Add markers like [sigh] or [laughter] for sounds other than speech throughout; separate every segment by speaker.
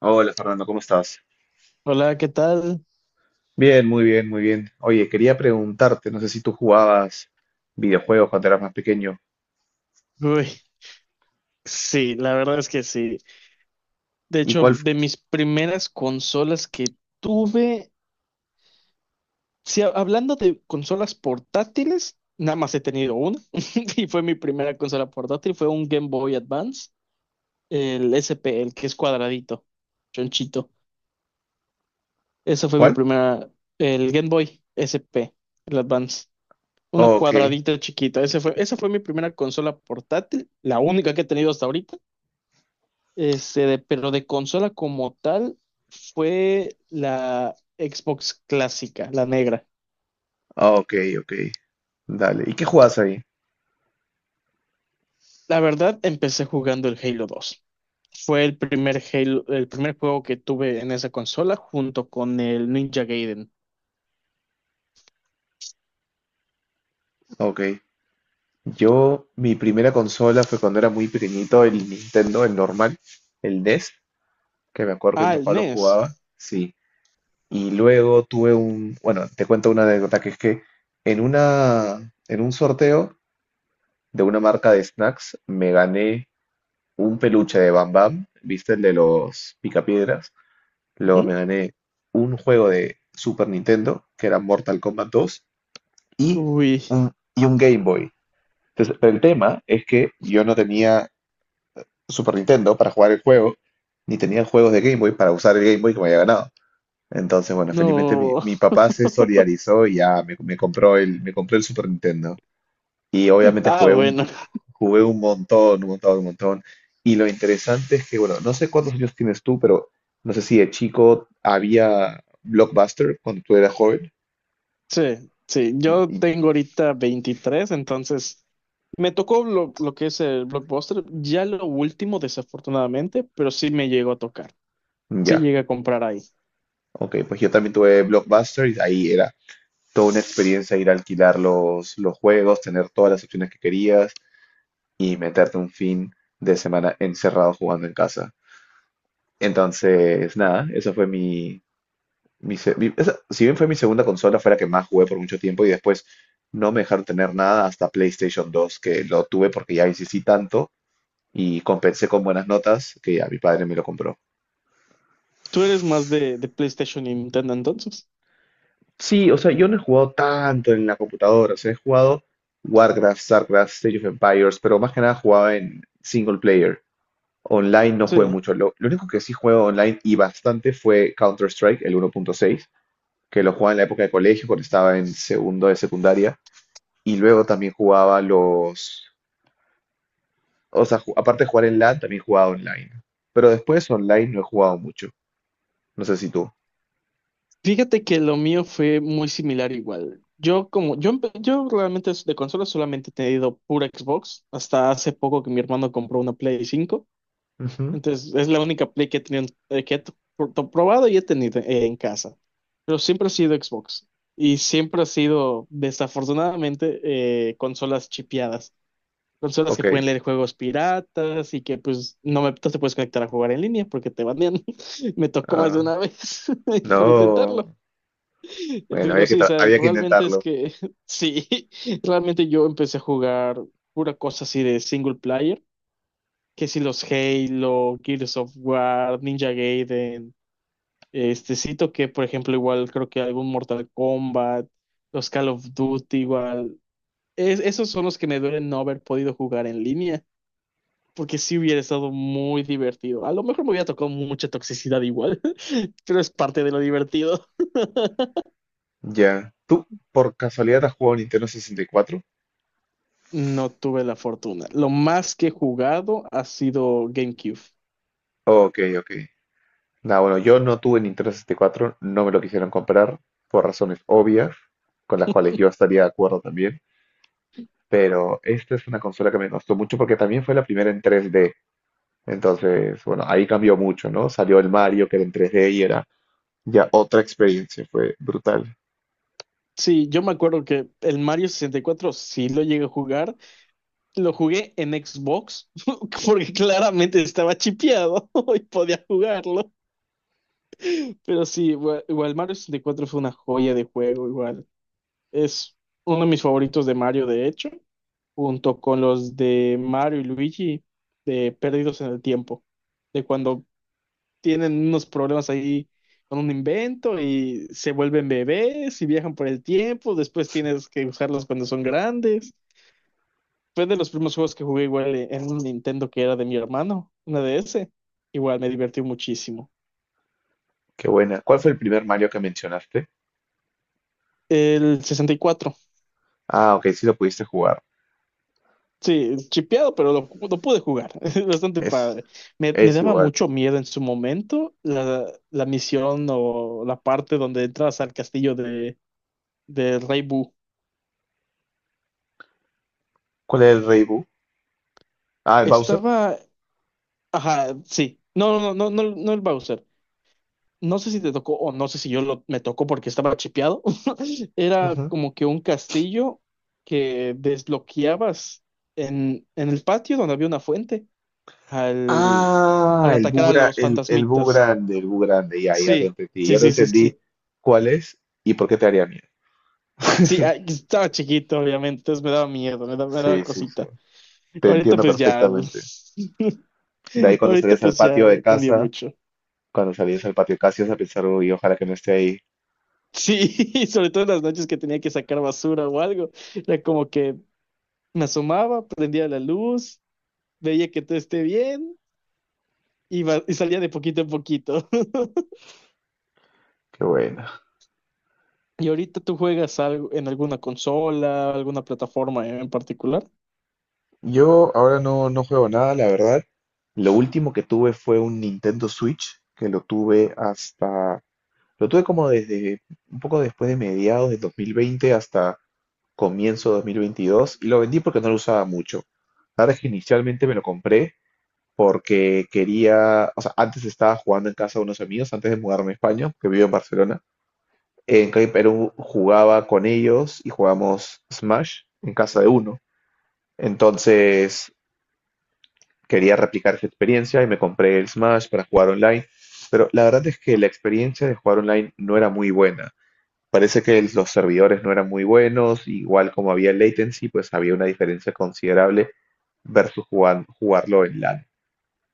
Speaker 1: Hola Fernando, ¿cómo estás?
Speaker 2: Hola, ¿qué tal?
Speaker 1: Bien, muy bien, muy bien. Oye, quería preguntarte, no sé si tú jugabas videojuegos cuando eras más pequeño.
Speaker 2: Uy, sí, la verdad es que sí. De
Speaker 1: ¿Y
Speaker 2: hecho,
Speaker 1: cuál?
Speaker 2: de mis primeras consolas que tuve, sí, hablando de consolas portátiles, nada más he tenido una [laughs] y fue mi primera consola portátil, fue un Game Boy Advance, el SP, el que es cuadradito, chonchito. Esa fue mi
Speaker 1: ¿Cuál?
Speaker 2: primera, el Game Boy SP, el Advance. Uno
Speaker 1: Ok,
Speaker 2: cuadradito chiquito, ese fue, esa fue mi primera consola portátil, la única que he tenido hasta ahorita. Este, pero de consola como tal fue la Xbox clásica, la negra.
Speaker 1: ok, ok. Dale. ¿Y qué jugabas ahí?
Speaker 2: La verdad, empecé jugando el Halo 2. Fue el primer Halo, el primer juego que tuve en esa consola junto con el Ninja Gaiden.
Speaker 1: Ok. Yo, mi primera consola fue cuando era muy pequeñito, el Nintendo, el normal, el NES, que me acuerdo que mi
Speaker 2: Ah, el
Speaker 1: papá lo
Speaker 2: NES.
Speaker 1: jugaba. Sí. Y luego tuve un, bueno, te cuento una anécdota que es que en un sorteo de una marca de snacks me gané un peluche de Bam Bam, ¿viste? El de los picapiedras. Luego me
Speaker 2: Ujú.
Speaker 1: gané un juego de Super Nintendo, que era Mortal Kombat 2 y
Speaker 2: Uy,
Speaker 1: y un Game Boy. Entonces, pero el tema es que yo no tenía Super Nintendo para jugar el juego, ni tenía juegos de Game Boy para usar el Game Boy que me había ganado. Entonces, bueno, felizmente mi,
Speaker 2: no.
Speaker 1: mi
Speaker 2: [laughs]
Speaker 1: papá se solidarizó y ya me compró el Super Nintendo. Y obviamente
Speaker 2: Ah, bueno.
Speaker 1: jugué un montón, un montón, un montón. Y lo interesante es que, bueno, no sé cuántos años tienes tú, pero no sé si de chico había Blockbuster cuando tú eras joven.
Speaker 2: Sí, sí. Yo
Speaker 1: Y-
Speaker 2: tengo ahorita 23, entonces me tocó lo que es el Blockbuster, ya lo último, desafortunadamente, pero sí me llegó a tocar. Se
Speaker 1: ya,
Speaker 2: llega a comprar ahí.
Speaker 1: ok, pues yo también tuve Blockbuster y ahí era toda una experiencia ir a alquilar los juegos, tener todas las opciones que querías y meterte un fin de semana encerrado jugando en casa. Entonces, nada, eso fue mi, si bien fue mi segunda consola, fue la que más jugué por mucho tiempo y después no me dejaron tener nada hasta PlayStation 2, que lo tuve porque ya insistí tanto y compensé con buenas notas que ya mi padre me lo compró.
Speaker 2: Tú eres más de PlayStation y Nintendo entonces.
Speaker 1: Sí, o sea, yo no he jugado tanto en la computadora, o sea, he jugado Warcraft, StarCraft, State of Empires, pero más que nada jugaba en single player. Online no jugué
Speaker 2: Sí.
Speaker 1: mucho. Lo único que sí juego online y bastante fue Counter-Strike, el 1.6, que lo jugaba en la época de colegio, cuando estaba en segundo de secundaria. Y luego también jugaba los... O sea, aparte de jugar en LAN, también jugaba online. Pero después online no he jugado mucho. No sé si tú.
Speaker 2: Fíjate que lo mío fue muy similar igual. Yo como yo realmente de consola solamente he tenido pura Xbox hasta hace poco que mi hermano compró una Play 5.
Speaker 1: Ujú.
Speaker 2: Entonces es la única Play que he tenido, que he probado y he tenido en casa. Pero siempre ha sido Xbox y siempre ha sido, desafortunadamente, consolas chipeadas. Consolas
Speaker 1: Ok.
Speaker 2: que pueden leer juegos piratas y que pues no, no te puedes conectar a jugar en línea porque te banean. [laughs] Me tocó más de
Speaker 1: Ah,
Speaker 2: una vez [laughs] por intentarlo.
Speaker 1: no. Bueno,
Speaker 2: Pero sí, o sea,
Speaker 1: había que
Speaker 2: realmente es
Speaker 1: intentarlo.
Speaker 2: que [laughs] sí, realmente yo empecé a jugar pura cosa así de single player, que si los Halo, Gears of War, Ninja Gaiden, este cito que por ejemplo igual creo que algún Mortal Kombat, los Call of Duty igual. Esos son los que me duelen no haber podido jugar en línea porque sí hubiera estado muy divertido. A lo mejor me hubiera tocado mucha toxicidad igual, [laughs] pero es parte de lo divertido.
Speaker 1: Ya. ¿Tú por casualidad has jugado Nintendo 64?
Speaker 2: No tuve la fortuna. Lo más que he jugado ha sido GameCube.
Speaker 1: Ok, ok. Nah, bueno, yo no tuve Nintendo 64, no me lo quisieron comprar por razones obvias, con las cuales yo estaría de acuerdo también. Pero esta es una consola que me gustó mucho porque también fue la primera en 3D. Entonces, bueno, ahí cambió mucho, ¿no? Salió el Mario que era en 3D y era ya otra experiencia, fue brutal.
Speaker 2: Sí, yo me acuerdo que el Mario 64 sí lo llegué a jugar. Lo jugué en Xbox [laughs] porque claramente estaba chipeado [laughs] y podía jugarlo. Pero sí, igual, igual Mario 64 fue una joya de juego, igual. Es uno de mis favoritos de Mario, de hecho, junto con los de Mario y Luigi de Perdidos en el Tiempo, de cuando tienen unos problemas ahí con un invento y se vuelven bebés y viajan por el tiempo, después tienes que usarlos cuando son grandes. Fue de los primeros juegos que jugué igual en un Nintendo que era de mi hermano, una DS. Igual me divertí muchísimo.
Speaker 1: Qué buena. ¿Cuál fue el primer Mario que mencionaste?
Speaker 2: El 64.
Speaker 1: Ah, ok, sí lo pudiste jugar.
Speaker 2: Sí, chipeado, pero lo pude jugar. [laughs] Es bastante
Speaker 1: Es,
Speaker 2: padre. Me
Speaker 1: es
Speaker 2: daba
Speaker 1: igual.
Speaker 2: mucho miedo en su momento la misión o la parte donde entras al castillo de Rey Boo.
Speaker 1: ¿Cuál es el Rey Boo? Ah, el Bowser.
Speaker 2: Estaba. Ajá, sí. No, no, no, no, no, no el Bowser. No sé si te tocó o no sé si yo me tocó porque estaba chipeado. [laughs] Era
Speaker 1: Ujú.
Speaker 2: como que un castillo que desbloqueabas en el patio donde había una fuente al,
Speaker 1: Ah,
Speaker 2: al atacar a los
Speaker 1: el Boo
Speaker 2: fantasmitas.
Speaker 1: grande, el Bu grande, ya,
Speaker 2: Sí, sí,
Speaker 1: ya te
Speaker 2: sí, sí,
Speaker 1: entendí
Speaker 2: sí.
Speaker 1: cuál es y por qué te haría miedo.
Speaker 2: Sí, ah,
Speaker 1: [laughs]
Speaker 2: estaba chiquito, obviamente, entonces me daba miedo, me daba
Speaker 1: Sí, sí, sí.
Speaker 2: cosita.
Speaker 1: Te
Speaker 2: Ahorita
Speaker 1: entiendo
Speaker 2: pues ya,
Speaker 1: perfectamente.
Speaker 2: [laughs]
Speaker 1: De ahí cuando
Speaker 2: ahorita
Speaker 1: salías al
Speaker 2: pues
Speaker 1: patio
Speaker 2: ya
Speaker 1: de
Speaker 2: cambió
Speaker 1: casa.
Speaker 2: mucho.
Speaker 1: Cuando salías al patio Casios a pensar, uy, ojalá que no esté ahí.
Speaker 2: Sí, [laughs] sobre todo en las noches que tenía que sacar basura o algo, era como que me asomaba, prendía la luz, veía que todo esté bien y, y salía de poquito en poquito.
Speaker 1: Qué buena.
Speaker 2: ¿Y ahorita tú juegas algo en alguna consola, alguna plataforma en particular?
Speaker 1: Yo ahora no juego nada, la verdad. Lo último que tuve fue un Nintendo Switch, que lo tuve hasta, lo tuve como desde un poco después de mediados de 2020 hasta comienzo de 2022 y lo vendí porque no lo usaba mucho. La verdad es que inicialmente me lo compré porque quería, o sea, antes estaba jugando en casa de unos amigos, antes de mudarme a España, que vivo en Barcelona, en Cali Perú jugaba con ellos y jugamos Smash en casa de uno. Entonces quería replicar esa experiencia y me compré el Smash para jugar online. Pero la verdad es que la experiencia de jugar online no era muy buena. Parece que los servidores no eran muy buenos, igual como había latency, pues había una diferencia considerable versus jugarlo en LAN.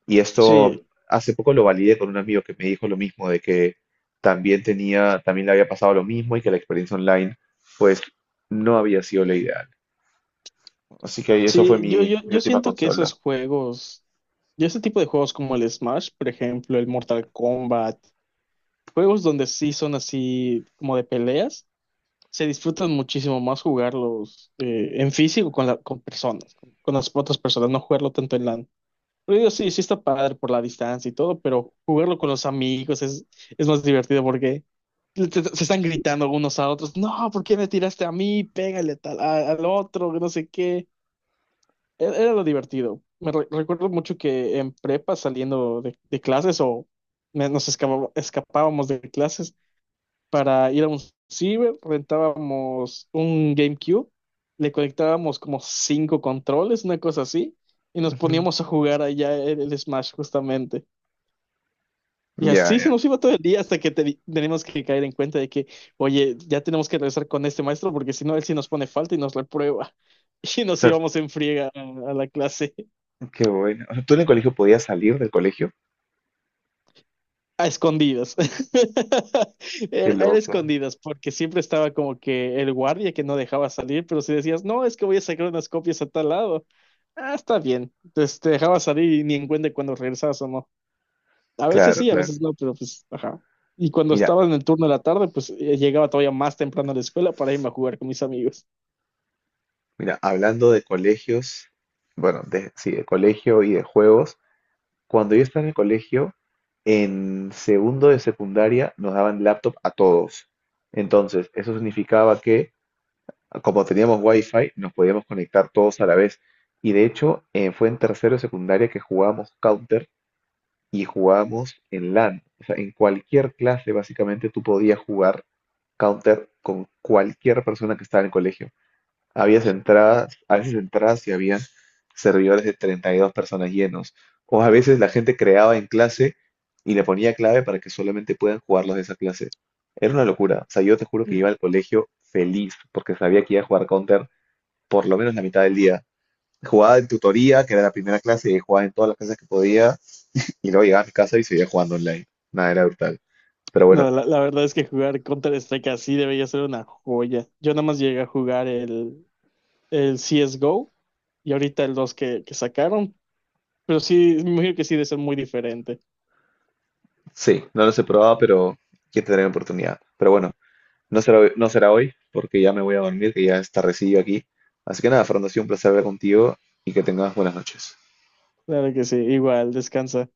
Speaker 1: Y esto
Speaker 2: Sí,
Speaker 1: hace poco lo validé con un amigo que me dijo lo mismo, de que también le había pasado lo mismo y que la experiencia online, pues, no había sido la ideal. Así que eso fue
Speaker 2: sí,
Speaker 1: mi,
Speaker 2: yo, yo,
Speaker 1: mi
Speaker 2: yo
Speaker 1: última
Speaker 2: siento que
Speaker 1: consola.
Speaker 2: esos juegos, yo ese tipo de juegos como el Smash, por ejemplo, el Mortal Kombat, juegos donde sí son así como de peleas. Se disfrutan muchísimo más jugarlos, en físico con, con personas, con las otras personas, no jugarlo tanto en LAN. Pero digo, sí, sí está padre por la distancia y todo, pero jugarlo con los amigos es más divertido porque se están gritando unos a otros, no, ¿por qué me tiraste a mí? Pégale a tal, al otro, que no sé qué. Era lo divertido. Me recuerdo mucho que en prepa saliendo de clases o nos escapábamos de clases para ir a un ciber, rentábamos un GameCube, le conectábamos como cinco controles, una cosa así, y nos
Speaker 1: Ujú.
Speaker 2: poníamos a jugar allá el Smash justamente. Y
Speaker 1: Ya,
Speaker 2: así se
Speaker 1: ya.
Speaker 2: nos iba todo el día hasta que tenemos que caer en cuenta de que, oye, ya tenemos que regresar con este maestro porque si no, él sí nos pone falta y nos reprueba. [laughs] Y
Speaker 1: O
Speaker 2: nos
Speaker 1: sea,
Speaker 2: íbamos en friega a la clase.
Speaker 1: qué bueno. O sea, ¿tú en el colegio podías salir del colegio?
Speaker 2: A escondidas. [laughs]
Speaker 1: Qué
Speaker 2: Era
Speaker 1: loco.
Speaker 2: escondidas, porque siempre estaba como que el guardia que no dejaba salir, pero si decías, no, es que voy a sacar unas copias a tal lado, ah, está bien. Entonces te dejaba salir y ni en cuenta cuando regresabas o no. A veces
Speaker 1: Claro,
Speaker 2: sí, a
Speaker 1: claro.
Speaker 2: veces no, pero pues, ajá. Y cuando
Speaker 1: Mira,
Speaker 2: estaba en el turno de la tarde, pues llegaba todavía más temprano a la escuela para irme a jugar con mis amigos.
Speaker 1: mira, hablando de colegios, bueno, de, sí, de colegio y de juegos. Cuando yo estaba en el colegio, en segundo de secundaria nos daban laptop a todos. Entonces, eso significaba que, como teníamos wifi, nos podíamos conectar todos a la vez. Y de hecho, fue en tercero de secundaria que jugábamos Counter y jugábamos en LAN. O sea, en cualquier clase, básicamente, tú podías jugar Counter con cualquier persona que estaba en el colegio. Habías entradas, a veces entradas y había servidores de 32 personas llenos. O a veces la gente creaba en clase y le ponía clave para que solamente puedan jugar los de esa clase. Era una locura. O sea, yo te juro que iba al colegio feliz porque sabía que iba a jugar Counter por lo menos la mitad del día. Jugaba en tutoría, que era la primera clase, y jugaba en todas las clases que podía, y luego llegaba a mi casa y seguía jugando online. Nada, era brutal. Pero bueno,
Speaker 2: No, la verdad es que jugar Counter-Strike así debería ser una joya. Yo nada más llegué a jugar el CSGO y ahorita el 2 que sacaron. Pero sí, me imagino que sí, de ser muy diferente.
Speaker 1: sí, no los he probado, pero quiero tener la oportunidad. Pero bueno. No será hoy, porque ya me voy a dormir, que ya es tardecillo aquí. Así que nada, Fernando, ha sido un placer hablar contigo y que tengas buenas noches.
Speaker 2: Claro que sí, igual, descansa.